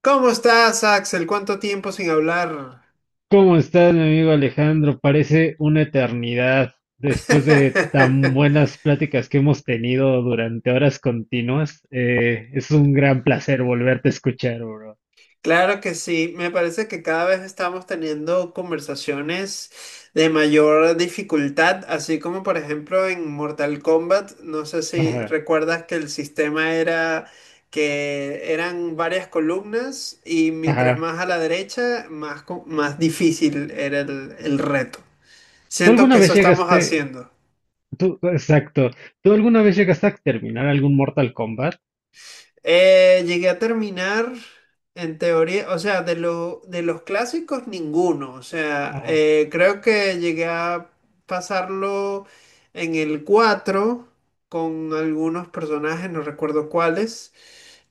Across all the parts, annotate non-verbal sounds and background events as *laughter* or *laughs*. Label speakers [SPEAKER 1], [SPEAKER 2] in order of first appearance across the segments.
[SPEAKER 1] ¿Cómo estás, Axel? ¿Cuánto tiempo sin hablar?
[SPEAKER 2] ¿Cómo estás, mi amigo Alejandro? Parece una eternidad después de tan
[SPEAKER 1] *laughs*
[SPEAKER 2] buenas pláticas que hemos tenido durante horas continuas. Es un gran placer volverte a escuchar, bro.
[SPEAKER 1] Claro que sí, me parece que cada vez estamos teniendo conversaciones de mayor dificultad, así como por ejemplo en Mortal Kombat. No sé si
[SPEAKER 2] Ajá,
[SPEAKER 1] recuerdas que el sistema era que eran varias columnas, y mientras
[SPEAKER 2] ajá.
[SPEAKER 1] más a la derecha, más, más difícil era el reto.
[SPEAKER 2] ¿Tú
[SPEAKER 1] Siento
[SPEAKER 2] alguna
[SPEAKER 1] que eso
[SPEAKER 2] vez
[SPEAKER 1] estamos
[SPEAKER 2] llegaste,
[SPEAKER 1] haciendo.
[SPEAKER 2] tú, exacto, ¿Tú alguna vez llegaste a terminar algún Mortal Kombat?
[SPEAKER 1] Llegué a terminar, en teoría, o sea, de los clásicos ninguno. O sea,
[SPEAKER 2] Ajá.
[SPEAKER 1] creo que llegué a pasarlo en el 4 con algunos personajes, no recuerdo cuáles,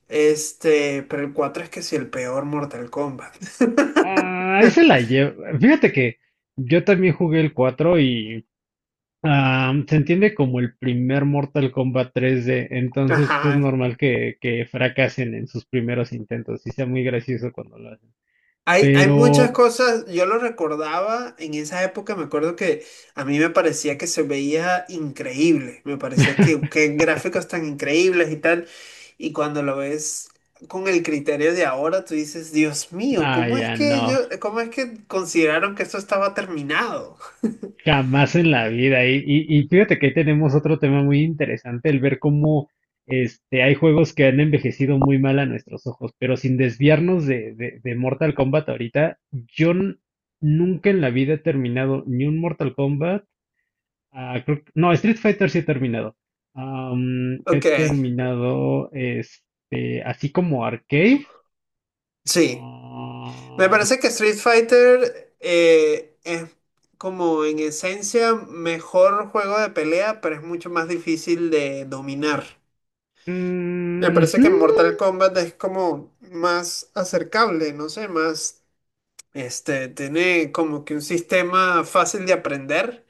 [SPEAKER 1] pero el 4 es que sí, el peor Mortal Kombat.
[SPEAKER 2] Ah, ahí se la llevo. Fíjate que yo también jugué el cuatro. Ah, se entiende como el primer Mortal Kombat 3D,
[SPEAKER 1] *laughs*
[SPEAKER 2] entonces pues, es
[SPEAKER 1] Ajá.
[SPEAKER 2] normal que fracasen en sus primeros intentos y sea muy gracioso cuando lo hacen.
[SPEAKER 1] Hay muchas
[SPEAKER 2] Pero,
[SPEAKER 1] cosas, yo lo recordaba en esa época, me acuerdo que a mí me parecía que se veía increíble, me parecía que qué gráficos tan increíbles y tal, y cuando lo ves con el criterio de ahora, tú dices, Dios mío,
[SPEAKER 2] ah,
[SPEAKER 1] ¿cómo es
[SPEAKER 2] ya
[SPEAKER 1] que
[SPEAKER 2] no,
[SPEAKER 1] ellos, cómo es que consideraron que esto estaba terminado? *laughs*
[SPEAKER 2] jamás en la vida. Y fíjate que ahí tenemos otro tema muy interesante, el ver cómo hay juegos que han envejecido muy mal a nuestros ojos, pero sin desviarnos de Mortal Kombat ahorita, nunca en la vida he terminado ni un Mortal Kombat. No, Street Fighter sí he terminado. He
[SPEAKER 1] Ok,
[SPEAKER 2] terminado este, así como arcade.
[SPEAKER 1] sí. Me
[SPEAKER 2] Ah,
[SPEAKER 1] parece que Street Fighter es como en esencia mejor juego de pelea, pero es mucho más difícil de dominar. Me
[SPEAKER 2] mm,
[SPEAKER 1] parece que
[SPEAKER 2] ujú,
[SPEAKER 1] Mortal Kombat es como más acercable, no sé, más, tiene como que un sistema fácil de aprender,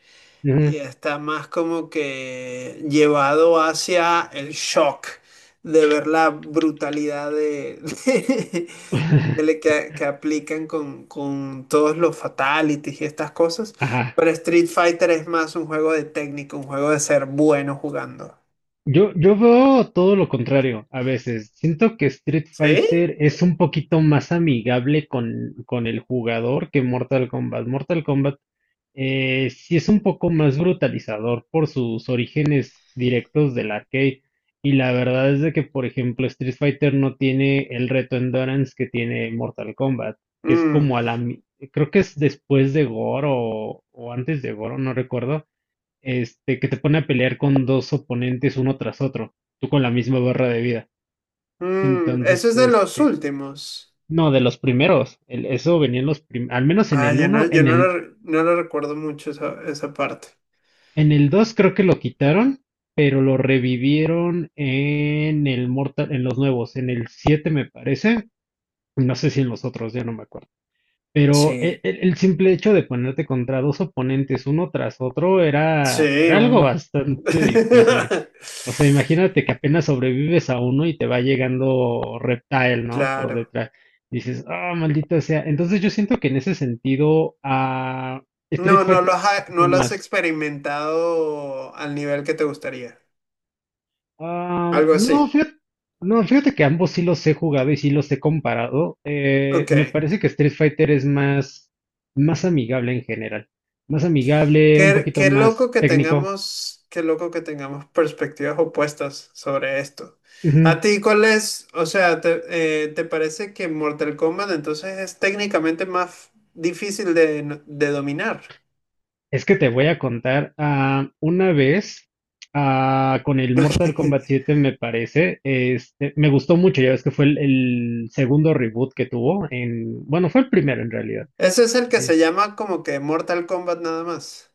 [SPEAKER 1] y
[SPEAKER 2] ujú.
[SPEAKER 1] está más como que llevado hacia el shock de ver la brutalidad de, *laughs* de
[SPEAKER 2] *laughs*
[SPEAKER 1] que aplican con todos los fatalities y estas cosas.
[SPEAKER 2] Ajá.
[SPEAKER 1] Pero Street Fighter es más un juego de técnica, un juego de ser bueno jugando.
[SPEAKER 2] Yo veo todo lo contrario a veces. Siento que Street
[SPEAKER 1] ¿Sí?
[SPEAKER 2] Fighter es un poquito más amigable con el jugador que Mortal Kombat. Mortal Kombat, sí es un poco más brutalizador por sus orígenes directos del arcade. Y la verdad es de que, por ejemplo, Street Fighter no tiene el reto Endurance que tiene Mortal Kombat, que es
[SPEAKER 1] Mm.
[SPEAKER 2] como a la... mi- creo que es después de Goro o antes de Goro, no recuerdo, que te pone a pelear con dos oponentes uno tras otro, tú con la misma barra de vida.
[SPEAKER 1] Mm, eso
[SPEAKER 2] Entonces,
[SPEAKER 1] es de los últimos.
[SPEAKER 2] no, de los primeros, eso venía en los al menos en
[SPEAKER 1] Ah,
[SPEAKER 2] el
[SPEAKER 1] yo no,
[SPEAKER 2] uno
[SPEAKER 1] yo
[SPEAKER 2] en
[SPEAKER 1] no lo,
[SPEAKER 2] el.
[SPEAKER 1] no lo recuerdo mucho esa, esa parte.
[SPEAKER 2] En el dos creo que lo quitaron, pero lo revivieron en el Mortal, en los nuevos, en el 7 me parece, no sé si en los otros, ya no me acuerdo. Pero
[SPEAKER 1] Sí,
[SPEAKER 2] el simple hecho de ponerte contra dos oponentes uno tras otro era,
[SPEAKER 1] sí,
[SPEAKER 2] era algo
[SPEAKER 1] un... *laughs*
[SPEAKER 2] bastante difícil. O sea, imagínate que apenas sobrevives a uno y te va llegando Reptile, ¿no? Por
[SPEAKER 1] Claro.
[SPEAKER 2] detrás. Dices, ah, maldito sea. Entonces yo siento que en ese sentido, a Street
[SPEAKER 1] No, no
[SPEAKER 2] Fighter
[SPEAKER 1] lo
[SPEAKER 2] es un
[SPEAKER 1] has, no
[SPEAKER 2] poquito
[SPEAKER 1] lo has
[SPEAKER 2] más.
[SPEAKER 1] experimentado al nivel que te gustaría.
[SPEAKER 2] Am,
[SPEAKER 1] Algo
[SPEAKER 2] no,
[SPEAKER 1] así.
[SPEAKER 2] fíjate, no, fíjate que ambos sí los he jugado y sí los he comparado. Eh,
[SPEAKER 1] Ok.
[SPEAKER 2] me parece que Street Fighter es más, más amigable en general. Más amigable, un
[SPEAKER 1] Qué
[SPEAKER 2] poquito
[SPEAKER 1] qué loco
[SPEAKER 2] más
[SPEAKER 1] que
[SPEAKER 2] técnico.
[SPEAKER 1] tengamos, qué loco que tengamos perspectivas opuestas sobre esto. ¿A
[SPEAKER 2] Ujú.
[SPEAKER 1] ti cuál es? O sea, te, ¿te parece que Mortal Kombat entonces es técnicamente más difícil de, de dominar?
[SPEAKER 2] Es que te voy a contar, ah, una vez ah, con el Mortal Kombat
[SPEAKER 1] *laughs*
[SPEAKER 2] 7 me parece, me gustó mucho, ya ves que fue el segundo reboot que tuvo en, bueno, fue el primero en realidad.
[SPEAKER 1] Ese es el que se llama como que Mortal Kombat nada más.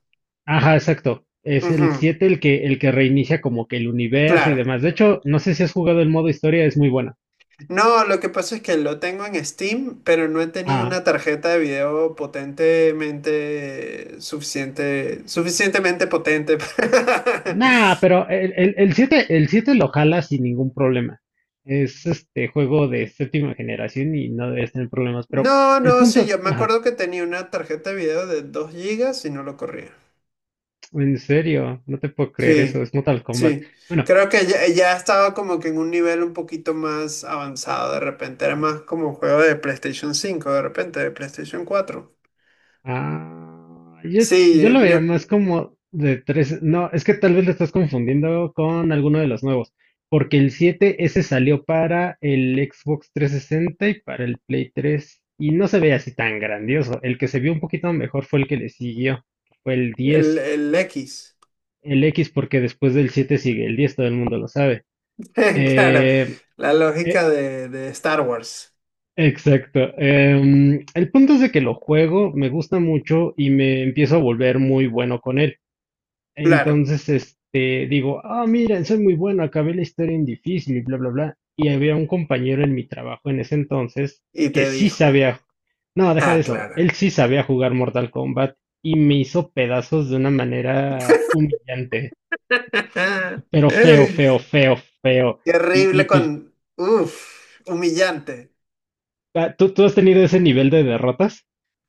[SPEAKER 2] Ajá, exacto. Es el
[SPEAKER 1] Ujú,
[SPEAKER 2] 7 el que reinicia como que el universo y
[SPEAKER 1] claro.
[SPEAKER 2] demás. De hecho, no sé si has jugado el modo historia, es muy buena.
[SPEAKER 1] No, lo que pasa es que lo tengo en Steam, pero no he tenido
[SPEAKER 2] Ah,
[SPEAKER 1] una tarjeta de video potentemente suficiente, suficientemente potente *laughs* para...
[SPEAKER 2] nah, pero el 7 lo jala sin ningún problema. Es este juego de séptima generación y no debes tener problemas. Pero
[SPEAKER 1] No,
[SPEAKER 2] el
[SPEAKER 1] no, sí,
[SPEAKER 2] punto,
[SPEAKER 1] yo me
[SPEAKER 2] ajá,
[SPEAKER 1] acuerdo que tenía una tarjeta de video de 2 gigas y no lo corría.
[SPEAKER 2] en serio, no te puedo creer eso,
[SPEAKER 1] Sí,
[SPEAKER 2] es Mortal Kombat.
[SPEAKER 1] sí.
[SPEAKER 2] Bueno,
[SPEAKER 1] Creo que ya ya estaba como que en un nivel un poquito más avanzado. De repente era más como un juego de PlayStation cinco, de repente de PlayStation cuatro.
[SPEAKER 2] ah, yo
[SPEAKER 1] Sí,
[SPEAKER 2] lo
[SPEAKER 1] yo,
[SPEAKER 2] veía más como de tres. No, es que tal vez lo estás confundiendo con alguno de los nuevos. Porque el 7 ese salió para el Xbox 360 y para el Play 3. Y no se veía así tan grandioso. El que se vio un poquito mejor fue el que le siguió. Que fue el diez.
[SPEAKER 1] el X.
[SPEAKER 2] El X, porque después del 7 sigue el 10. Todo el mundo lo sabe.
[SPEAKER 1] *laughs* Claro,
[SPEAKER 2] Eh,
[SPEAKER 1] la
[SPEAKER 2] eh,
[SPEAKER 1] lógica de de Star Wars.
[SPEAKER 2] exacto. El punto es de que lo juego, me gusta mucho y me empiezo a volver muy bueno con él.
[SPEAKER 1] Claro.
[SPEAKER 2] Entonces, digo, ah, mira soy muy bueno, acabé la historia en difícil y bla, bla, bla. Y había un compañero en mi trabajo en ese entonces
[SPEAKER 1] Y
[SPEAKER 2] que
[SPEAKER 1] te
[SPEAKER 2] sí
[SPEAKER 1] dijo.
[SPEAKER 2] sabía, no, deja de
[SPEAKER 1] Ah,
[SPEAKER 2] eso,
[SPEAKER 1] claro.
[SPEAKER 2] él sí sabía jugar Mortal Kombat y me hizo pedazos de una manera humillante,
[SPEAKER 1] *laughs*
[SPEAKER 2] pero feo, feo, feo, feo.
[SPEAKER 1] Qué
[SPEAKER 2] Y
[SPEAKER 1] horrible
[SPEAKER 2] pues,
[SPEAKER 1] con... Uf, humillante.
[SPEAKER 2] ah, ¿tú has tenido ese nivel de derrotas?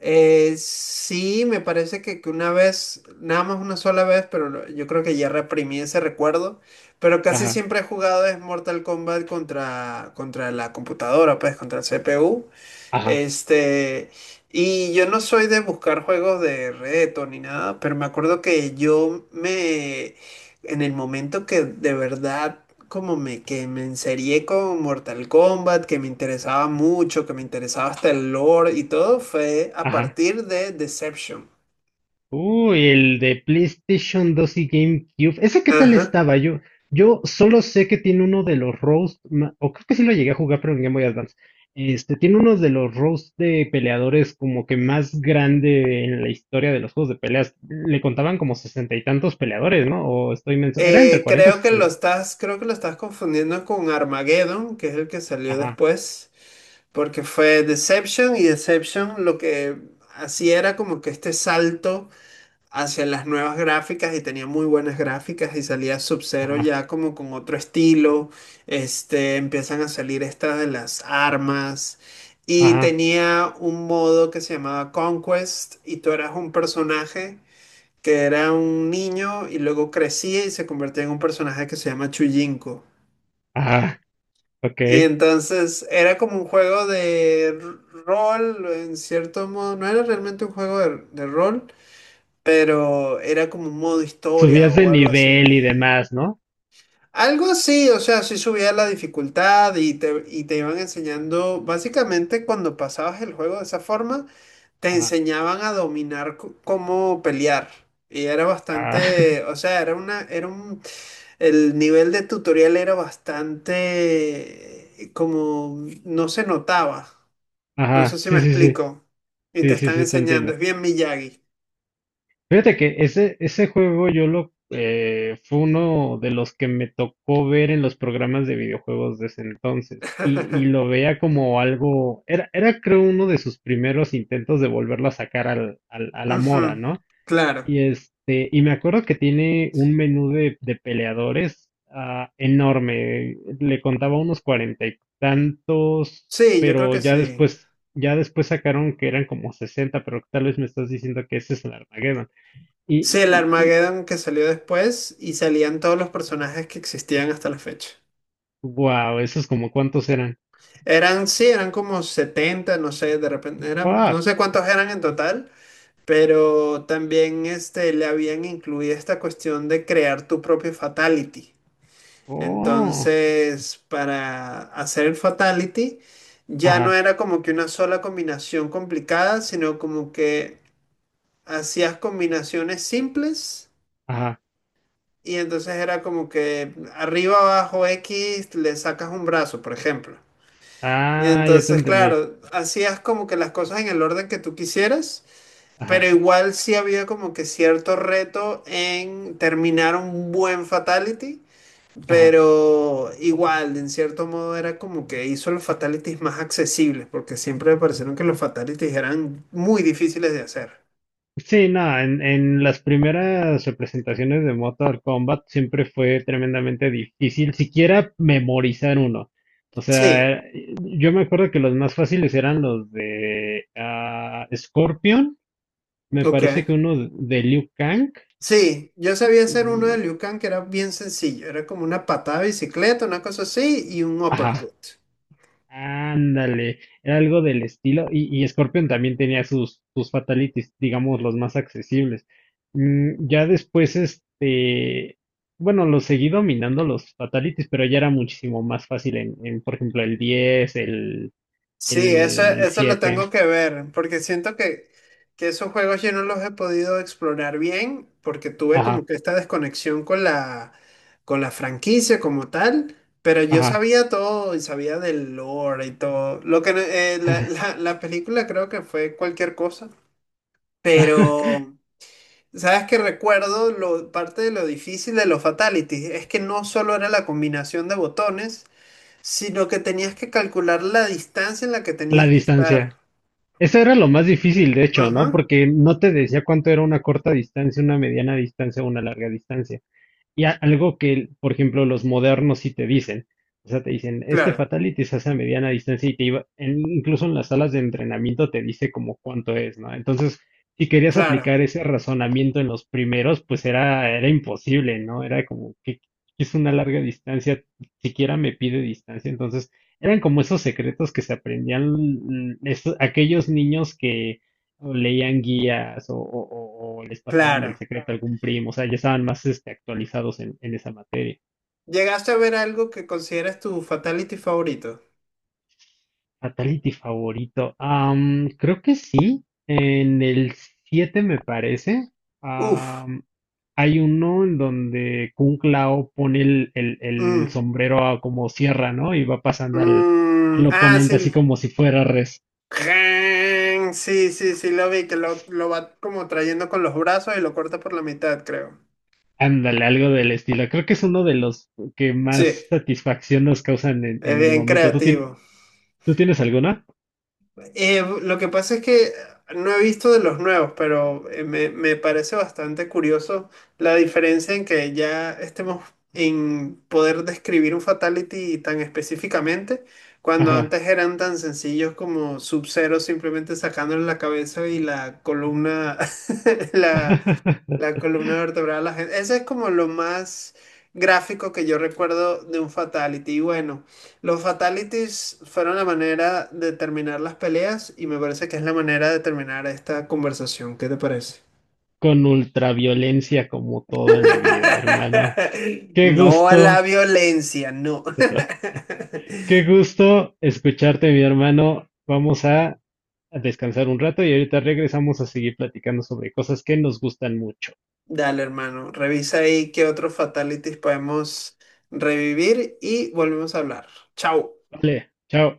[SPEAKER 1] Sí, me parece que una vez, nada más una sola vez, pero yo creo que ya reprimí ese recuerdo. Pero casi
[SPEAKER 2] Ajá,
[SPEAKER 1] siempre he jugado es Mortal Kombat contra, contra la computadora, pues contra el CPU.
[SPEAKER 2] ajá,
[SPEAKER 1] Este, y yo no soy de buscar juegos de reto ni nada, pero me acuerdo que yo me, en el momento que de verdad como me, que me enserié con Mortal Kombat, que me interesaba mucho, que me interesaba hasta el lore y todo, fue a
[SPEAKER 2] ajá.
[SPEAKER 1] partir de Deception.
[SPEAKER 2] Uy, el de PlayStation dos y GameCube. ¿Ese qué tal
[SPEAKER 1] Ajá.
[SPEAKER 2] estaba? Yo solo sé que tiene uno de los roast, o creo que sí lo llegué a jugar, pero en Game Boy Advance. Tiene uno de los roast de peleadores como que más grande en la historia de los juegos de peleas. Le contaban como sesenta y tantos peleadores, ¿no? O estoy menso. Era entre cuarenta y
[SPEAKER 1] Creo que lo
[SPEAKER 2] sesenta.
[SPEAKER 1] estás, creo que lo estás confundiendo con Armageddon, que es el que salió
[SPEAKER 2] Ajá,
[SPEAKER 1] después. Porque fue Deception, y Deception lo que hacía era como que este salto hacia las nuevas gráficas, y tenía muy buenas gráficas, y salía Sub-Zero
[SPEAKER 2] ajá,
[SPEAKER 1] ya como con otro estilo. Empiezan a salir estas de las armas, y
[SPEAKER 2] ajá,
[SPEAKER 1] tenía un modo que se llamaba Conquest, y tú eras un personaje que era un niño y luego crecía y se convertía en un personaje que se llama Chujinko.
[SPEAKER 2] ajá,
[SPEAKER 1] Y
[SPEAKER 2] ok.
[SPEAKER 1] entonces era como un juego de rol, en cierto modo. No era realmente un juego de rol, pero era como un modo historia
[SPEAKER 2] Subías de
[SPEAKER 1] o algo así.
[SPEAKER 2] nivel y demás, ¿no?
[SPEAKER 1] Algo así, o sea, sí subía la dificultad, y te iban enseñando. Básicamente cuando pasabas el juego de esa forma, te
[SPEAKER 2] Ajá,
[SPEAKER 1] enseñaban a dominar cómo pelear. Y era
[SPEAKER 2] ajá, *laughs*
[SPEAKER 1] bastante, o sea, era una, era un, el nivel de tutorial era bastante como, no se notaba. No sé
[SPEAKER 2] ajá,
[SPEAKER 1] si
[SPEAKER 2] sí,
[SPEAKER 1] me
[SPEAKER 2] sí, sí,
[SPEAKER 1] explico. Y te
[SPEAKER 2] sí, sí,
[SPEAKER 1] están
[SPEAKER 2] sí, te
[SPEAKER 1] enseñando,
[SPEAKER 2] entiendo.
[SPEAKER 1] es bien Miyagi.
[SPEAKER 2] Fíjate que ese juego yo lo fue uno de los que me tocó ver en los programas de videojuegos de ese entonces. Y lo
[SPEAKER 1] *laughs*
[SPEAKER 2] veía como algo. Era creo uno de sus primeros intentos de volverlo a sacar a la
[SPEAKER 1] Ujú.
[SPEAKER 2] moda, ¿no?
[SPEAKER 1] Claro.
[SPEAKER 2] Y y me acuerdo que tiene un menú de peleadores ah, enorme. Le contaba unos cuarenta y tantos,
[SPEAKER 1] Sí, yo creo
[SPEAKER 2] pero
[SPEAKER 1] que sí.
[SPEAKER 2] ya después sacaron que eran como sesenta, pero tal vez me estás diciendo que ese es el Armageddon. Y,
[SPEAKER 1] Sí, el
[SPEAKER 2] y, y,
[SPEAKER 1] Armageddon que salió después, y salían todos los personajes que existían hasta la fecha.
[SPEAKER 2] wow, esos como cuántos eran.
[SPEAKER 1] Eran, sí, eran como 70, no sé, de repente eran, no
[SPEAKER 2] Fuck.
[SPEAKER 1] sé cuántos eran en total, pero también le habían incluido esta cuestión de crear tu propio fatality.
[SPEAKER 2] Oh.
[SPEAKER 1] Entonces, para hacer el fatality, ya no
[SPEAKER 2] Ajá,
[SPEAKER 1] era como que una sola combinación complicada, sino como que hacías combinaciones simples.
[SPEAKER 2] ajá.
[SPEAKER 1] Y entonces era como que arriba, abajo, X, le sacas un brazo, por ejemplo. Y
[SPEAKER 2] Ah, ya te
[SPEAKER 1] entonces,
[SPEAKER 2] entendí.
[SPEAKER 1] claro, hacías como que las cosas en el orden que tú quisieras, pero
[SPEAKER 2] Ajá,
[SPEAKER 1] igual sí había como que cierto reto en terminar un buen fatality.
[SPEAKER 2] ajá.
[SPEAKER 1] Pero igual, en cierto modo, era como que hizo los fatalities más accesibles, porque siempre me parecieron que los fatalities eran muy difíciles de hacer.
[SPEAKER 2] Sí, no, en las primeras representaciones de Mortal Kombat siempre fue tremendamente difícil siquiera memorizar uno. O
[SPEAKER 1] Sí,
[SPEAKER 2] sea, yo me acuerdo que los más fáciles eran los de ah, Scorpion, me parece
[SPEAKER 1] ok.
[SPEAKER 2] que uno de Liu Kang.
[SPEAKER 1] Sí, yo sabía hacer uno de
[SPEAKER 2] Y,
[SPEAKER 1] Liu Kang que era bien sencillo. Era como una patada de bicicleta, una cosa así, y un
[SPEAKER 2] ajá.
[SPEAKER 1] uppercut.
[SPEAKER 2] Ándale, era algo del estilo. Y Scorpion también tenía sus, sus fatalities, digamos, los más accesibles. Mm, ya después, bueno, los seguí dominando los fatalities, pero ya era muchísimo más fácil por ejemplo,
[SPEAKER 1] Sí, eso
[SPEAKER 2] el
[SPEAKER 1] eso lo
[SPEAKER 2] siete.
[SPEAKER 1] tengo que ver, porque siento que esos juegos yo no los he podido explorar bien, porque tuve como
[SPEAKER 2] Ajá,
[SPEAKER 1] que esta desconexión con la franquicia como tal, pero yo
[SPEAKER 2] ajá.
[SPEAKER 1] sabía todo y sabía del lore y todo. Lo que la,
[SPEAKER 2] *laughs*
[SPEAKER 1] la película creo que fue cualquier cosa, pero... Sabes que recuerdo lo, parte de lo difícil de los fatalities, es que no solo era la combinación de botones, sino que tenías que calcular la distancia en la que
[SPEAKER 2] La
[SPEAKER 1] tenías que estar.
[SPEAKER 2] distancia. Eso era lo más difícil, de hecho,
[SPEAKER 1] Ujú.
[SPEAKER 2] ¿no? Porque no te decía cuánto era una corta distancia, una mediana distancia o una larga distancia. Y algo que, por ejemplo, los modernos sí te dicen. O sea, te dicen, este
[SPEAKER 1] Claro,
[SPEAKER 2] fatality se hace a mediana distancia y te iba, incluso en las salas de entrenamiento te dice como cuánto es, ¿no? Entonces, si querías
[SPEAKER 1] claro,
[SPEAKER 2] aplicar ese razonamiento en los primeros, pues era, era imposible, ¿no? Era como que es una larga distancia, siquiera me pide distancia. Entonces, eran como esos secretos que se aprendían mm, aquellos niños que o leían guías o, o les pasaban el
[SPEAKER 1] claro.
[SPEAKER 2] secreto a algún primo, o sea, ya estaban más actualizados en esa materia.
[SPEAKER 1] ¿Llegaste a ver algo que consideras tu fatality favorito?
[SPEAKER 2] Fatality favorito. Am, creo que sí, en el 7 me parece.
[SPEAKER 1] Uf.
[SPEAKER 2] Am, hay uno en donde Kung Lao pone el
[SPEAKER 1] Mm,
[SPEAKER 2] sombrero a como sierra, ¿no? Y va pasando al
[SPEAKER 1] mm, ah,
[SPEAKER 2] oponente así
[SPEAKER 1] sí.
[SPEAKER 2] como si fuera res.
[SPEAKER 1] Ren, sí, sí, sí, lo vi, que lo va como trayendo con los brazos y lo corta por la mitad, creo.
[SPEAKER 2] Ándale, algo del estilo. Creo que es uno de los que
[SPEAKER 1] Sí,
[SPEAKER 2] más satisfacción nos causan
[SPEAKER 1] es
[SPEAKER 2] en el
[SPEAKER 1] bien
[SPEAKER 2] momento.
[SPEAKER 1] creativo.
[SPEAKER 2] ¿Tú tienes alguno?
[SPEAKER 1] Lo que pasa es que no he visto de los nuevos, pero me me parece bastante curioso la diferencia en que ya estemos en poder describir un fatality tan específicamente, cuando
[SPEAKER 2] Ajá.
[SPEAKER 1] antes eran tan sencillos como Sub-Zero simplemente sacándole la cabeza y la columna, *laughs* la, la
[SPEAKER 2] *laughs*
[SPEAKER 1] columna vertebral, la gente. Ese es como lo más gráfico que yo recuerdo de un fatality. Y bueno, los fatalities fueron la manera de terminar las peleas, y me parece que es la manera de terminar esta conversación. ¿Qué te parece?
[SPEAKER 2] Con ultraviolencia como todo en la vida, hermano.
[SPEAKER 1] *laughs*
[SPEAKER 2] Qué
[SPEAKER 1] No a la
[SPEAKER 2] gusto,
[SPEAKER 1] violencia, no. *laughs*
[SPEAKER 2] qué gusto escucharte, mi hermano. Vamos a descansar un rato y ahorita regresamos a seguir platicando sobre cosas que nos gustan mucho.
[SPEAKER 1] Dale, hermano, revisa ahí qué otros fatalities podemos revivir, y volvemos a hablar. Chao.
[SPEAKER 2] Vale, chao.